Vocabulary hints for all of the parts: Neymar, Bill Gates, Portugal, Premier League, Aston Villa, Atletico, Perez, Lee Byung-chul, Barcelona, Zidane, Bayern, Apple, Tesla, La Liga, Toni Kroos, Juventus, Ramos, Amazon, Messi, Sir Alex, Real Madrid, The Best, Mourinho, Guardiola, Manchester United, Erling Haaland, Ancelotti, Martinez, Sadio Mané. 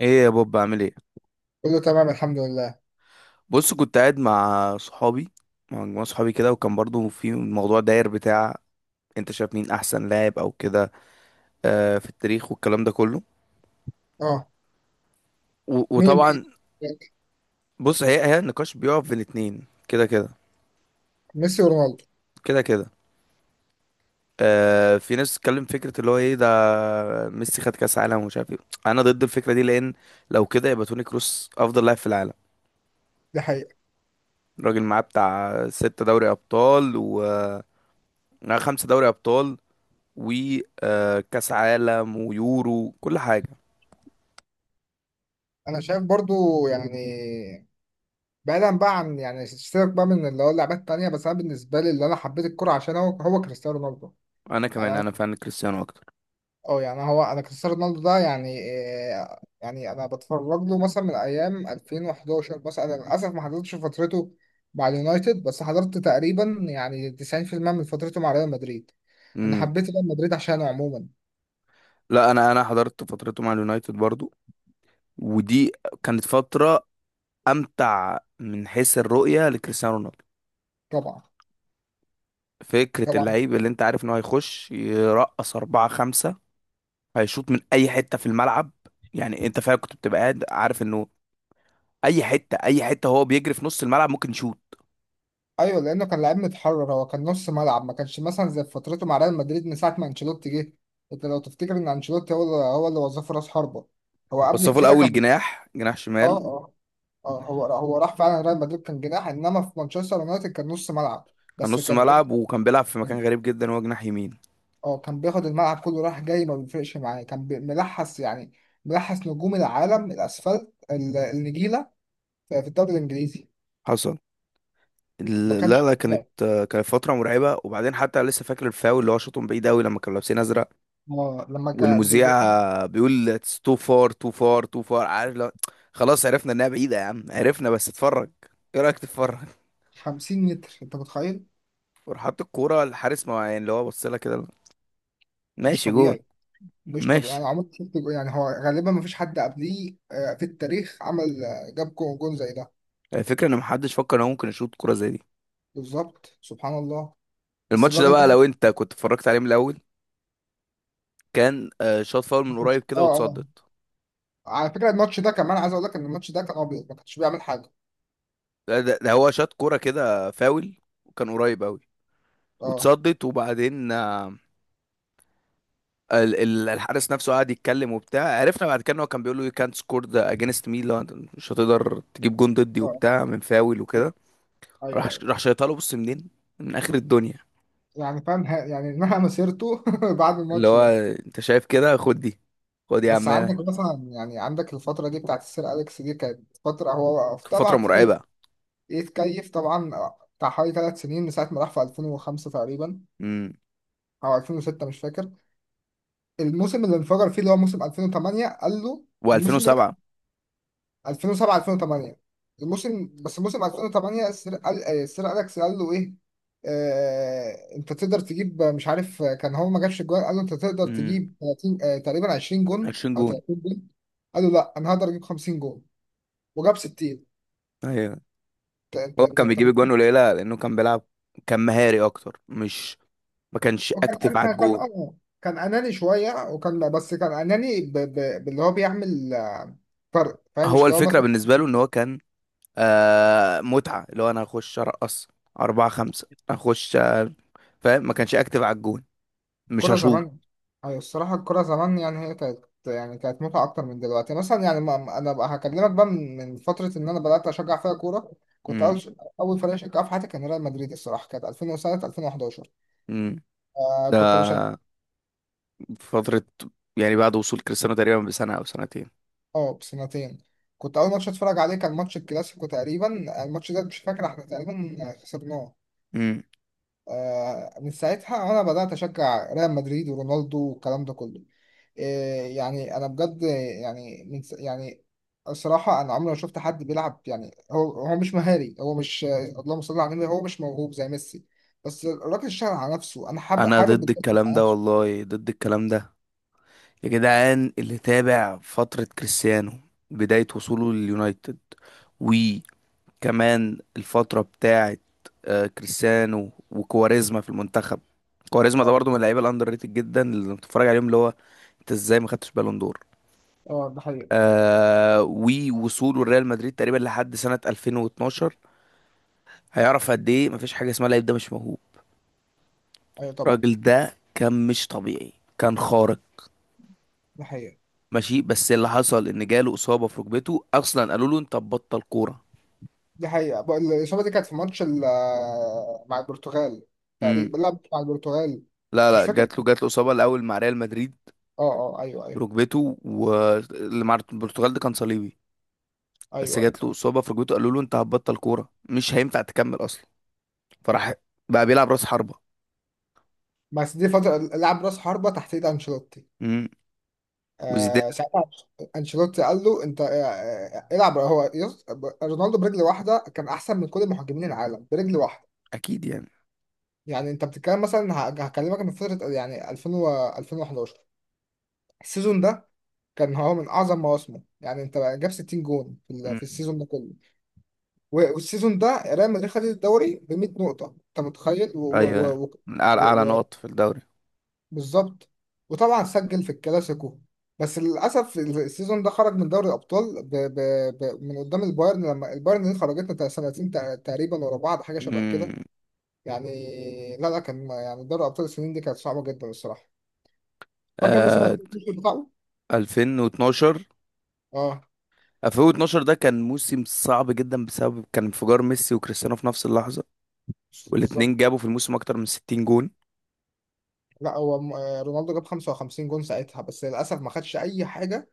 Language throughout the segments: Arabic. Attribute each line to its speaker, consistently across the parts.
Speaker 1: ايه يا بوب؟ بعمل ايه؟
Speaker 2: كله تمام، الحمد لله.
Speaker 1: بص، كنت قاعد مع صحابي، مع مجموعة صحابي كده، وكان برضو في الموضوع داير بتاع انت شايف مين احسن لاعب او كده، في التاريخ والكلام ده كله.
Speaker 2: اه،
Speaker 1: و-
Speaker 2: مين
Speaker 1: وطبعا.
Speaker 2: بقى؟
Speaker 1: بص، هي هي النقاش بيقف بين اتنين كده كده
Speaker 2: ميسي ورونالدو.
Speaker 1: كده كده. في ناس بتتكلم فكرة اللي هو ايه ده، ميسي خد كاس عالم ومش عارف ايه. انا ضد الفكرة دي لان لو كده يبقى توني كروس افضل لاعب في العالم.
Speaker 2: دي حقيقة.
Speaker 1: الراجل معاه بتاع 6 دوري ابطال و معاه 5 دوري ابطال وكاس عالم ويورو كل حاجه.
Speaker 2: انا شايف برضو، يعني بعيدا بقى عن يعني سيبك بقى من اللي هو اللعبات التانية، بس انا بالنسبة لي اللي انا حبيت الكرة عشان هو كريستيانو رونالدو.
Speaker 1: انا
Speaker 2: يعني
Speaker 1: كمان
Speaker 2: انا،
Speaker 1: انا فان كريستيانو اكتر.
Speaker 2: اه يعني هو انا كريستيانو رونالدو ده يعني إيه، يعني انا بتفرج له مثلا من ايام 2011. مثلا انا للاسف ما حضرتش فترته مع اليونايتد، بس حضرت تقريبا يعني 90% من فترته مع ريال مدريد. انا
Speaker 1: امم.
Speaker 2: حبيت ريال مدريد عشانه عموما.
Speaker 1: لا، انا حضرت فترته مع اليونايتد برضو، ودي كانت فتره امتع من حيث الرؤيه لكريستيانو رونالدو.
Speaker 2: طبعا.
Speaker 1: فكره
Speaker 2: طبعا.
Speaker 1: اللعيب اللي انت عارف انه هيخش يرقص أربعة خمسة، هيشوط من اي حته في الملعب. يعني انت فعلا كنت بتبقى قاعد عارف انه اي حته اي حته هو بيجري في نص الملعب ممكن يشوط.
Speaker 2: ايوه، لانه كان لعيب متحرر، هو كان نص ملعب، ما كانش مثلا زي فترته مع ريال مدريد من ساعه ما انشيلوتي جه. انت لو تفتكر ان انشيلوتي هو اللي وظفه راس حربه، هو
Speaker 1: بس
Speaker 2: قبل
Speaker 1: هو في
Speaker 2: كده
Speaker 1: الاول
Speaker 2: كان
Speaker 1: جناح
Speaker 2: اه.
Speaker 1: شمال.
Speaker 2: اه. هو راح فعلا ريال مدريد كان جناح، انما في مانشستر يونايتد كان نص ملعب.
Speaker 1: كان
Speaker 2: بس
Speaker 1: نص
Speaker 2: كان ايه،
Speaker 1: ملعب، وكان بيلعب في
Speaker 2: كان-
Speaker 1: مكان غريب جدا، هو جناح يمين.
Speaker 2: اه، كان بياخد الملعب كله راح جاي ما بيفرقش معاه، كان ملحس يعني، ملحس نجوم العالم الاسفلت النجيله في في الدوري الانجليزي.
Speaker 1: حصل.
Speaker 2: ما
Speaker 1: لا
Speaker 2: كانش
Speaker 1: لا، كانت
Speaker 2: طبيعي.
Speaker 1: كانت فترة مرعبة. وبعدين حتى لسه فاكر الفاول اللي هو شاطهم بعيد قوي لما كانوا لابسين ازرق،
Speaker 2: اه لما كان
Speaker 1: والمذيع بيقول تو فار تو فار تو فار، عارف لا؟ خلاص، عرفنا انها بعيدة يا عم، عرفنا، بس اتفرج، ايه رأيك تتفرج.
Speaker 2: 50 متر انت متخيل.
Speaker 1: وراح حاطط الكورة، الحارس ما يعني اللي هو بص لها كده،
Speaker 2: مش
Speaker 1: ماشي جون،
Speaker 2: طبيعي. مش طبيعي، انا
Speaker 1: ماشي.
Speaker 2: عمري ما شفت يعني هو غالبا ما فيش حد قبليه في التاريخ عمل، جاب جون زي ده.
Speaker 1: الفكرة ان محدش فكر ان هو ممكن يشوط كورة زي دي.
Speaker 2: بالظبط، سبحان الله. بس
Speaker 1: الماتش ده
Speaker 2: الراجل ده.
Speaker 1: بقى، لو انت كنت اتفرجت عليه من الاول، كان شاط فاول من قريب
Speaker 2: اه.
Speaker 1: كده
Speaker 2: اه.
Speaker 1: واتصدت.
Speaker 2: على فكره الماتش ده كمان عايز اقول لك ان الماتش ده كان ابيض، ما كانش بيعمل حاجه.
Speaker 1: ده هو شاط كورة كده فاول، وكان قريب قوي،
Speaker 2: اه.
Speaker 1: واتصدت. وبعدين الحارس نفسه قعد يتكلم وبتاع، عرفنا بعد كده ان هو كان بيقول له: you can't score the against me، لو أنت مش هتقدر تجيب جون ضدي
Speaker 2: اه.
Speaker 1: وبتاع من فاول وكده. راح
Speaker 2: ايوه ايوه.
Speaker 1: راح شيطها له، بص منين؟ من اخر الدنيا.
Speaker 2: يعني فاهم يعني انها مسيرته بعد
Speaker 1: اللي
Speaker 2: الماتش
Speaker 1: هو
Speaker 2: ده.
Speaker 1: انت شايف كده، خد دي، خد يا
Speaker 2: بس عندك
Speaker 1: عمنا،
Speaker 2: مثلا يعني عندك الفتره دي بتاعت السير اليكس، دي كانت فتره هو
Speaker 1: فترة
Speaker 2: طبعا فضل
Speaker 1: مرعبة.
Speaker 2: يتكيف طبعا، بتاع حوالي ثلاث سنين من ساعه ما راح في 2005 تقريبا،
Speaker 1: امم.
Speaker 2: او 2006 مش فاكر. الموسم اللي انفجر فيه اللي هو موسم 2008، قال له الموسم ده
Speaker 1: و2007.
Speaker 2: 2007 2008، الموسم، بس موسم 2008 السير قال، السير اليكس قال له ايه. آه انت تقدر تجيب مش عارف، كان هو ما جابش الجوان، قال له انت تقدر
Speaker 1: امم.
Speaker 2: تجيب 30، آه تقريبا 20 جون
Speaker 1: 20
Speaker 2: او
Speaker 1: جون.
Speaker 2: 30 جون. قال له لا انا هقدر اجيب 50 جون. وجاب 60.
Speaker 1: ايوه،
Speaker 2: انت انت
Speaker 1: هو
Speaker 2: انت,
Speaker 1: كان
Speaker 2: انت
Speaker 1: بيجيب جوان قليلة لانه كان بيلعب، كان مهاري اكتر، مش ما كانش
Speaker 2: وكان،
Speaker 1: اكتف على
Speaker 2: أنا كان
Speaker 1: الجون.
Speaker 2: اه كان اناني شويه، وكان بس كان اناني باللي هو بيعمل فرق، فاهم؟ مش
Speaker 1: هو
Speaker 2: اللي هو
Speaker 1: الفكرة
Speaker 2: مثلا.
Speaker 1: بالنسبة له ان هو كان متعة، اللي هو انا هخش ارقص اربعة خمسة، اخش، فاهم؟ ما كانش اكتف على الجون، مش
Speaker 2: كرة
Speaker 1: هشوط.
Speaker 2: زمان، أيوة الصراحة الكرة زمان يعني هي كانت يعني كانت متعة أكتر من دلوقتي، مثلا يعني أنا بقى هكلمك بقى من من فترة إن أنا بدأت أشجع فيها كورة. كنت
Speaker 1: امم.
Speaker 2: أول أول فريق أشجعه في حياتي كان ريال مدريد الصراحة، كانت 2007 2011.
Speaker 1: امم.
Speaker 2: آه
Speaker 1: ده
Speaker 2: كنت بشجع.
Speaker 1: فترة، يعني بعد وصول كريستيانو تقريبا بسنة او سنتين.
Speaker 2: أه بسنتين. كنت أول ماتش أتفرج عليه كان ماتش الكلاسيكو تقريبا، الماتش ده مش فاكر إحنا تقريبا خسرناه.
Speaker 1: امم.
Speaker 2: آه من ساعتها أنا بدأت أشجع ريال مدريد ورونالدو والكلام ده كله. إيه يعني انا بجد، يعني يعني الصراحه انا عمري ما شفت حد بيلعب، يعني هو مش مهاري، هو مش، اللهم صل على النبي، هو مش موهوب زي ميسي، بس الراجل اشتغل على نفسه. انا حابب
Speaker 1: انا ضد
Speaker 2: الجد
Speaker 1: الكلام
Speaker 2: على
Speaker 1: ده،
Speaker 2: نفسه.
Speaker 1: والله ضد الكلام ده. يا جدعان، اللي تابع فترة كريستيانو بداية وصوله لليونايتد، كمان الفترة بتاعت كريستيانو وكواريزما في المنتخب، كواريزما ده
Speaker 2: اه.
Speaker 1: برضو من اللعيبة الأندر ريتد جدا اللي بتتفرج عليهم، اللي هو انت ازاي ما خدتش بالون دور،
Speaker 2: ده حقيقة.
Speaker 1: ووصوله لريال مدريد تقريبا لحد سنة 2012، هيعرف قد ايه مفيش حاجة اسمها لعيب ده مش موهوب.
Speaker 2: ايوه طبعا.
Speaker 1: الراجل ده كان مش طبيعي، كان خارق.
Speaker 2: ده حقيقة.
Speaker 1: ماشي، بس اللي حصل ان جاله إصابة في ركبته، اصلا قالوا له انت بطل كورة.
Speaker 2: دي حقيقة بقى، الإصابة دي كانت في ماتش مع البرتغال،
Speaker 1: امم.
Speaker 2: تقريبا لعب مع البرتغال.
Speaker 1: لا
Speaker 2: مش
Speaker 1: لا،
Speaker 2: فاكر.
Speaker 1: جات له إصابة الأول مع ريال مدريد،
Speaker 2: اه. اه ايوه ايوه.
Speaker 1: ركبته، واللي مع البرتغال ده كان صليبي. بس
Speaker 2: ايوه ايوه،
Speaker 1: جات له
Speaker 2: أيوة.
Speaker 1: إصابة في ركبته، قالوا له أنت هتبطل كورة، مش هينفع تكمل أصلا. فراح بقى بيلعب رأس حربة.
Speaker 2: بس دي فترة لعب راس حربة تحت ايد انشيلوتي،
Speaker 1: امم. وزيدان.
Speaker 2: ساعتها انشيلوتي قال له انت، العب، هو رونالدو برجل واحده كان احسن من كل المهاجمين العالم برجل واحده.
Speaker 1: أكيد يعني.
Speaker 2: يعني انت بتتكلم مثلا هكلمك من فتره يعني 2000 و 2011، السيزون ده كان هو من اعظم مواسمه. يعني انت جاب 60 جون في في
Speaker 1: امم.
Speaker 2: السيزون ده كله، والسيزون ده ريال مدريد خد الدوري ب 100 نقطه، انت متخيل؟
Speaker 1: أيوه يعني.
Speaker 2: و
Speaker 1: من أعلى
Speaker 2: و
Speaker 1: أعلى
Speaker 2: و
Speaker 1: نقط في الدوري.
Speaker 2: بالظبط. وطبعا سجل في الكلاسيكو، بس للاسف السيزون ده خرج من دوري الابطال من قدام البايرن، لما البايرن دي خرجتنا سنتين تقريبا ورا بعض حاجه شبه كده.
Speaker 1: امم.
Speaker 2: يعني لا لا، كان يعني دوري ابطال السنين دي كانت صعبه جدا الصراحه. فاكر موسم
Speaker 1: آه
Speaker 2: 2012 بتاعه؟
Speaker 1: 2012.
Speaker 2: اه.
Speaker 1: 2012 ده كان موسم صعب جدا، بسبب كان انفجار ميسي وكريستيانو في نفس اللحظة، والاتنين
Speaker 2: بالظبط.
Speaker 1: جابوا في الموسم أكتر من 60 جون.
Speaker 2: لا هو رونالدو جاب 55 جون ساعتها، بس للاسف ما خدش اي حاجه،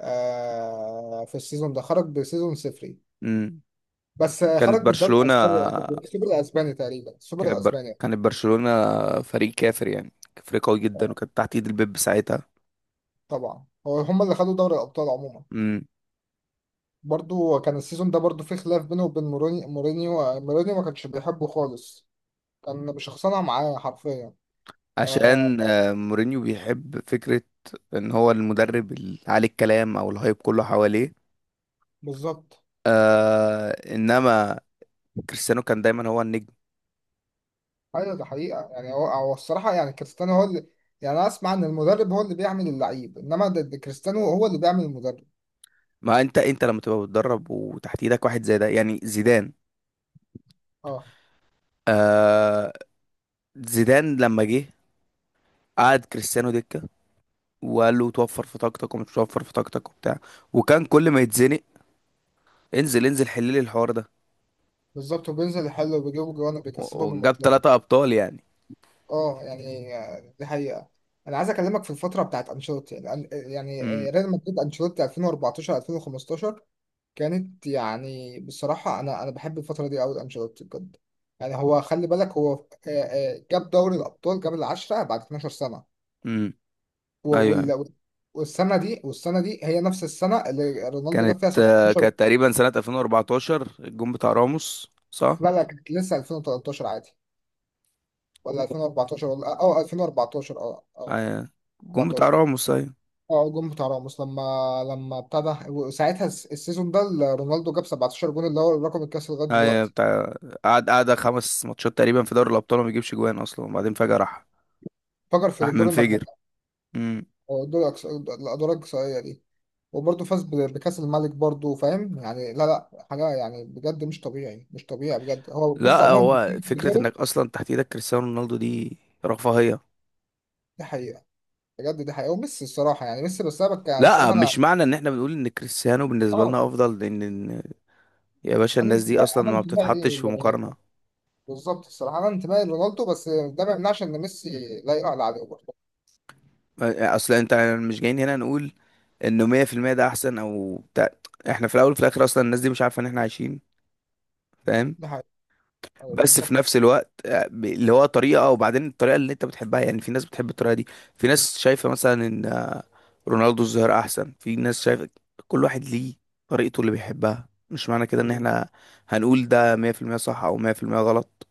Speaker 2: في السيزون ده خرج بسيزون صفري،
Speaker 1: امم.
Speaker 2: بس
Speaker 1: كانت
Speaker 2: خرج بالدوري
Speaker 1: برشلونة.
Speaker 2: الاسباني، السوبر الاسباني تقريبا، السوبر الاسباني.
Speaker 1: كانت برشلونة فريق كافر يعني، فريق قوي جدا، وكانت تحت ايد البيب ساعتها.
Speaker 2: طبعا هو هم اللي خدوا دوري الابطال عموما.
Speaker 1: امم.
Speaker 2: برضو كان السيزون ده برضو فيه خلاف بينه وبين مورينيو، مورينيو ما كانش بيحبه خالص، كان بشخصنها معاه حرفيا.
Speaker 1: عشان
Speaker 2: آه.
Speaker 1: مورينيو بيحب فكرة ان هو المدرب اللي عليه الكلام او الهايب كله حواليه،
Speaker 2: بالظبط.
Speaker 1: آه انما كريستيانو كان دايما هو النجم.
Speaker 2: ايوه ده حقيقة، يعني هو الصراحة يعني كريستيانو هو اللي، يعني انا اسمع ان المدرب هو اللي بيعمل اللعيب، انما ده كريستيانو هو اللي بيعمل المدرب.
Speaker 1: ما انت لما تبقى بتدرب وتحت ايدك واحد زي ده يعني زيدان،
Speaker 2: اه.
Speaker 1: آه زيدان لما جه قعد كريستيانو دكة، وقال له توفر في طاقتك، ومش توفر في طاقتك وبتاع، وكان كل ما يتزنق انزل انزل حل لي الحوار ده.
Speaker 2: بالظبط، وبينزل يحل وبيجيبوا جوان
Speaker 1: و-
Speaker 2: وبيكسبهم
Speaker 1: وجاب
Speaker 2: الماتشات.
Speaker 1: 3 أبطال يعني.
Speaker 2: اه يعني، دي حقيقة. انا عايز اكلمك في الفترة بتاعت انشيلوتي، يعني
Speaker 1: امم.
Speaker 2: ريال مدريد انشيلوتي 2014 2015، كانت يعني بصراحة أنا بحب الفترة دي أوي لأنشيلوتي بجد. يعني هو خلي بالك هو، جاب دوري الأبطال، جاب العشرة بعد 12 سنة،
Speaker 1: امم.
Speaker 2: و-
Speaker 1: أيوه أيوه،
Speaker 2: وال- والسنة دي هي نفس السنة اللي رونالدو جاب
Speaker 1: كانت
Speaker 2: فيها
Speaker 1: آه،
Speaker 2: 17.
Speaker 1: كانت تقريبا سنة 2014، الجون بتاع راموس، صح؟
Speaker 2: لا لا كانت لسه 2013 عادي، ولا 2014، ولا أه 2014، أه أه
Speaker 1: أيوه، الجون بتاع
Speaker 2: 14.
Speaker 1: راموس، أيوه
Speaker 2: اه الجون بتاع راموس، لما ابتدى، وساعتها السيزون ده اللي رونالدو جاب 17 جون، اللي هو الرقم القياسي لغايه
Speaker 1: أيوه
Speaker 2: دلوقتي.
Speaker 1: بتاع. قعد 5 ماتشات تقريبا في دوري الأبطال وما بيجيبش جوان أصلا، وبعدين فجأة راح،
Speaker 2: فجر في
Speaker 1: راح
Speaker 2: دور
Speaker 1: منفجر.
Speaker 2: المجموعات،
Speaker 1: امم.
Speaker 2: أو دور الادوار الاقصائيه دي، وبرضه فاز بكأس الملك برضه، فاهم يعني. لا لا حاجة يعني، بجد مش طبيعي مش طبيعي بجد. هو بص
Speaker 1: لا،
Speaker 2: عموما بيكون
Speaker 1: هو فكرة
Speaker 2: بيجاره.
Speaker 1: إنك أصلا تحت إيدك كريستيانو رونالدو دي رفاهية.
Speaker 2: دي حقيقة. بجد دي حقيقة. وميسي الصراحة يعني، ميسي بس أنا يعني
Speaker 1: لا،
Speaker 2: الصراحة أنا.
Speaker 1: مش معنى ان احنا بنقول ان كريستيانو بالنسبه
Speaker 2: أه.
Speaker 1: لنا افضل لان إن- يا باشا، الناس دي اصلا
Speaker 2: أنا
Speaker 1: ما بتتحطش
Speaker 2: انتمائي
Speaker 1: في مقارنه.
Speaker 2: لرونالدو، بالظبط الصراحة أنا انتمائي لرونالدو، بس ده ما يمنعش إن ميسي لا يعلى عليه برضه.
Speaker 1: اصل انت، مش جايين هنا نقول انه 100% ده احسن او بتاع. احنا في الاول وفي الاخر اصلا الناس دي مش عارفه ان احنا عايشين، فاهم؟
Speaker 2: دي حقيقة. أيوة
Speaker 1: بس في
Speaker 2: بالظبط.
Speaker 1: نفس الوقت اللي هو طريقه، وبعدين الطريقه اللي انت بتحبها يعني، في ناس بتحب الطريقه دي، في ناس شايفه مثلا ان رونالدو الظاهره احسن، في ناس شايفه كل واحد ليه طريقته اللي بيحبها، مش معنى كده ان
Speaker 2: لغاية
Speaker 1: احنا هنقول ده 100% صح او 100% غلط.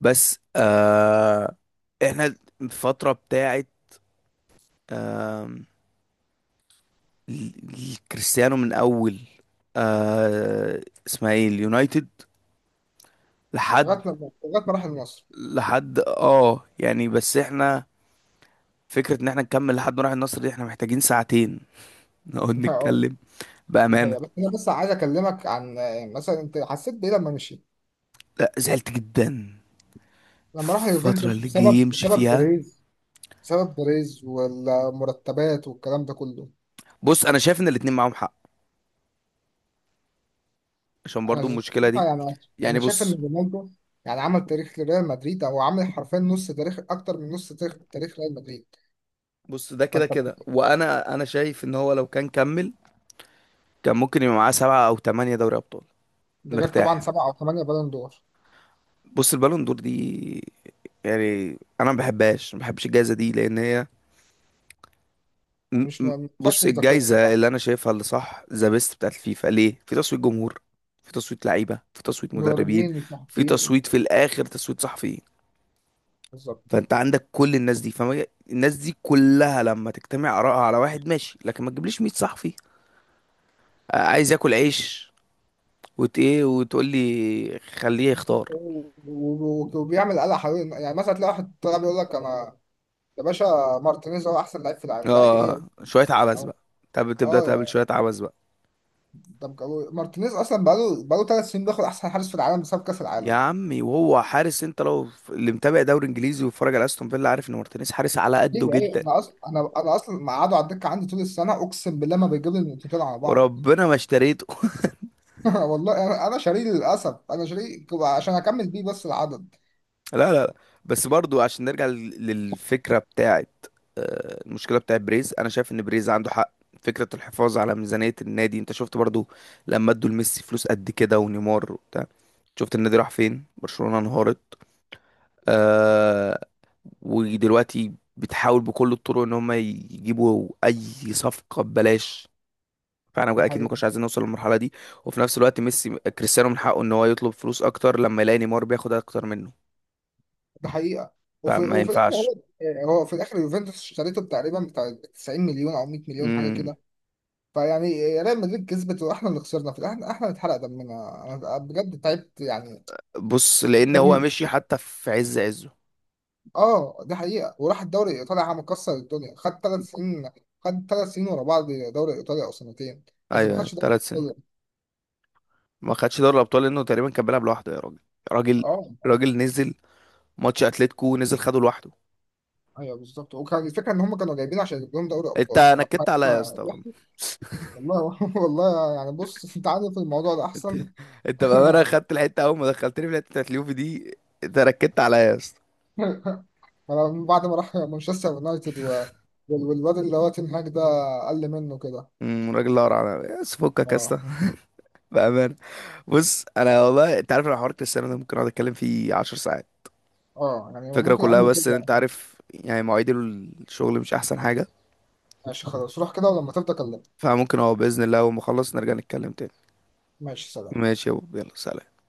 Speaker 1: بس احنا الفتره بتاعت كريستيانو من اول آه اسمها ايه، اليونايتد،
Speaker 2: ما
Speaker 1: لحد،
Speaker 2: راح النصر.
Speaker 1: لحد يعني. بس احنا فكرة ان احنا نكمل لحد ما نروح النصر دي احنا محتاجين ساعتين نقعد
Speaker 2: أه،
Speaker 1: نتكلم،
Speaker 2: دي
Speaker 1: بأمانة.
Speaker 2: حقيقة. بس أنا بس عايز أكلمك عن، مثلا أنت حسيت بإيه لما مشي؟
Speaker 1: لا، زعلت جدا.
Speaker 2: لما راح
Speaker 1: الفترة
Speaker 2: اليوفنتوس،
Speaker 1: اللي جاي
Speaker 2: بسبب
Speaker 1: يمشي فيها،
Speaker 2: بيريز، بسبب بيريز والمرتبات والكلام ده كله.
Speaker 1: بص انا شايف ان الاتنين معاهم حق، عشان
Speaker 2: انا
Speaker 1: برضو المشكلة دي.
Speaker 2: بصراحة يعني، انا
Speaker 1: يعني
Speaker 2: شايف ان
Speaker 1: بص،
Speaker 2: رونالدو يعني عمل تاريخ لريال مدريد، او عامل حرفيا نص تاريخ، اكتر من نص تاريخ ريال مدريد.
Speaker 1: بص ده كده
Speaker 2: فانت
Speaker 1: كده،
Speaker 2: بت-
Speaker 1: وانا انا شايف ان هو لو كان كمل كان ممكن يبقى معاه 7 او 8 دوري ابطال
Speaker 2: ده غير طبعا
Speaker 1: مرتاح.
Speaker 2: سبعة او ثمانية بالون دور.
Speaker 1: بص البالون دور دي، يعني انا ما بحبهاش، ما بحبش الجائزه دي لان هي م-
Speaker 2: يعني مش،
Speaker 1: م-
Speaker 2: ما فيهاش
Speaker 1: بص،
Speaker 2: مصداقية
Speaker 1: الجائزه
Speaker 2: بصراحة.
Speaker 1: اللي انا شايفها اللي صح ذا بيست بتاعت الفيفا، ليه في تصويت جمهور، في تصويت لعيبه، في تصويت مدربين،
Speaker 2: المدربين مش
Speaker 1: في
Speaker 2: محبوبين.
Speaker 1: تصويت في الاخر تصويت صحفيين.
Speaker 2: بالظبط.
Speaker 1: فانت عندك كل الناس دي، فما الناس دي كلها لما تجتمع آرائها على واحد، ماشي. لكن ما تجيبليش 100 صحفي عايز ياكل عيش وت ايه، وتقول لي خليه يختار.
Speaker 2: و- و- وبيعمل قلق حوالين، يعني مثلا تلاقي واحد طلع بيقول لك انا، يا باشا، مارتينيز هو احسن لعيب في العالم؟ لعيب ايه يا
Speaker 1: اه،
Speaker 2: باشا؟
Speaker 1: شويه عبث بقى، طب تبدا تقابل
Speaker 2: اه.
Speaker 1: شويه عبث بقى.
Speaker 2: طب مارتينيز اصلا بقاله ثلاث سنين بياخد احسن حارس في العالم بسبب كاس
Speaker 1: يا
Speaker 2: العالم.
Speaker 1: عمي، وهو حارس، انت لو اللي متابع دوري انجليزي وبيتفرج على استون فيلا عارف ان مارتينيز حارس على قده
Speaker 2: ايوه ايوه،
Speaker 1: جدا،
Speaker 2: انا اصلا انا اصلا مقعده على الدكه عندي طول السنه، اقسم بالله ما بيجيب لي النقطتين على بعض.
Speaker 1: وربنا ما اشتريته.
Speaker 2: والله انا شاريه للاسف، انا شاريه عشان اكمل بيه بس العدد.
Speaker 1: لا لا لا. بس برضو عشان نرجع للفكرة بتاعت المشكلة بتاعت بريز، انا شايف ان بريز عنده حق، فكرة الحفاظ على ميزانية النادي. انت شفت برضو لما ادوا لميسي فلوس قد كده ونيمار وبتاع، شفت النادي راح فين؟ برشلونة انهارت. آه ودلوقتي بتحاول بكل الطرق ان هم يجيبوا اي صفقة ببلاش، فانا
Speaker 2: دي
Speaker 1: بقى اكيد ما
Speaker 2: حقيقه.
Speaker 1: كناش عايزين نوصل للمرحله دي. وفي نفس الوقت ميسي كريستيانو من حقه ان هو يطلب فلوس اكتر لما يلاقي نيمار بياخد اكتر منه،
Speaker 2: دي حقيقه. وفي
Speaker 1: فما
Speaker 2: وفي الاخر
Speaker 1: ينفعش.
Speaker 2: هو، هو في الاخر يوفنتوس اشتريته تقريبا بتاع 90 مليون او 100 مليون، حاجه
Speaker 1: امم.
Speaker 2: كده. فيعني ريال مدريد كسبت، واحنا اللي خسرنا في الاخر، احنا اللي اتحرق دمنا انا بجد تعبت، يعني ما
Speaker 1: بص، لان هو مشي
Speaker 2: تفكرنيش.
Speaker 1: حتى في عز عزه.
Speaker 2: اه دي حقيقة، وراح الدوري الإيطالي عم مكسر الدنيا، خد ثلاث سنين، خد ثلاث سنين ورا بعض دوري إيطاليا، أو سنتين. بس ما
Speaker 1: ايوه
Speaker 2: خدش دوري
Speaker 1: 3 سنين.
Speaker 2: إيطاليا.
Speaker 1: ما خدش دوري الابطال لانه تقريبا كان بيلعب لوحده، يا راجل. راجل،
Speaker 2: اه. اه
Speaker 1: راجل نزل ماتش اتلتيكو نزل خده لوحده.
Speaker 2: ايوه بالظبط، وكان الفكرة إن هم كانوا جايبين عشان يجيب لهم دوري
Speaker 1: انت
Speaker 2: أبطال.
Speaker 1: نكدت عليا يا اسطى ورم.
Speaker 2: والله والله يعني بص أنت عارف الموضوع ده
Speaker 1: انت
Speaker 2: أحسن.
Speaker 1: انت بامانه خدت الحته اول ما دخلتني في الحته بتاعت اليوفي دي. انت نكدت عليا يا اسطى.
Speaker 2: أنا من بعد ما راح مانشستر يونايتد والواد اللي هو تنهاج ده قل منه كده.
Speaker 1: راجل، لا على بس فكك يا
Speaker 2: اه.
Speaker 1: اسطى، بأمانة. بص انا والله انت عارف، انا حوار كريستيانو ده ممكن اقعد اتكلم فيه 10 ساعات،
Speaker 2: اه يعني
Speaker 1: الفكرة
Speaker 2: ممكن
Speaker 1: كلها.
Speaker 2: عمره
Speaker 1: بس ان
Speaker 2: كله.
Speaker 1: انت عارف يعني مواعيد الشغل مش احسن حاجة،
Speaker 2: ماشي خلاص روح كده ولما تبدأ كلمني.
Speaker 1: فممكن هو بإذن الله اول ما اخلص نرجع نتكلم تاني.
Speaker 2: ماشي سلام.
Speaker 1: ماشي يا بوب، يلا سلام.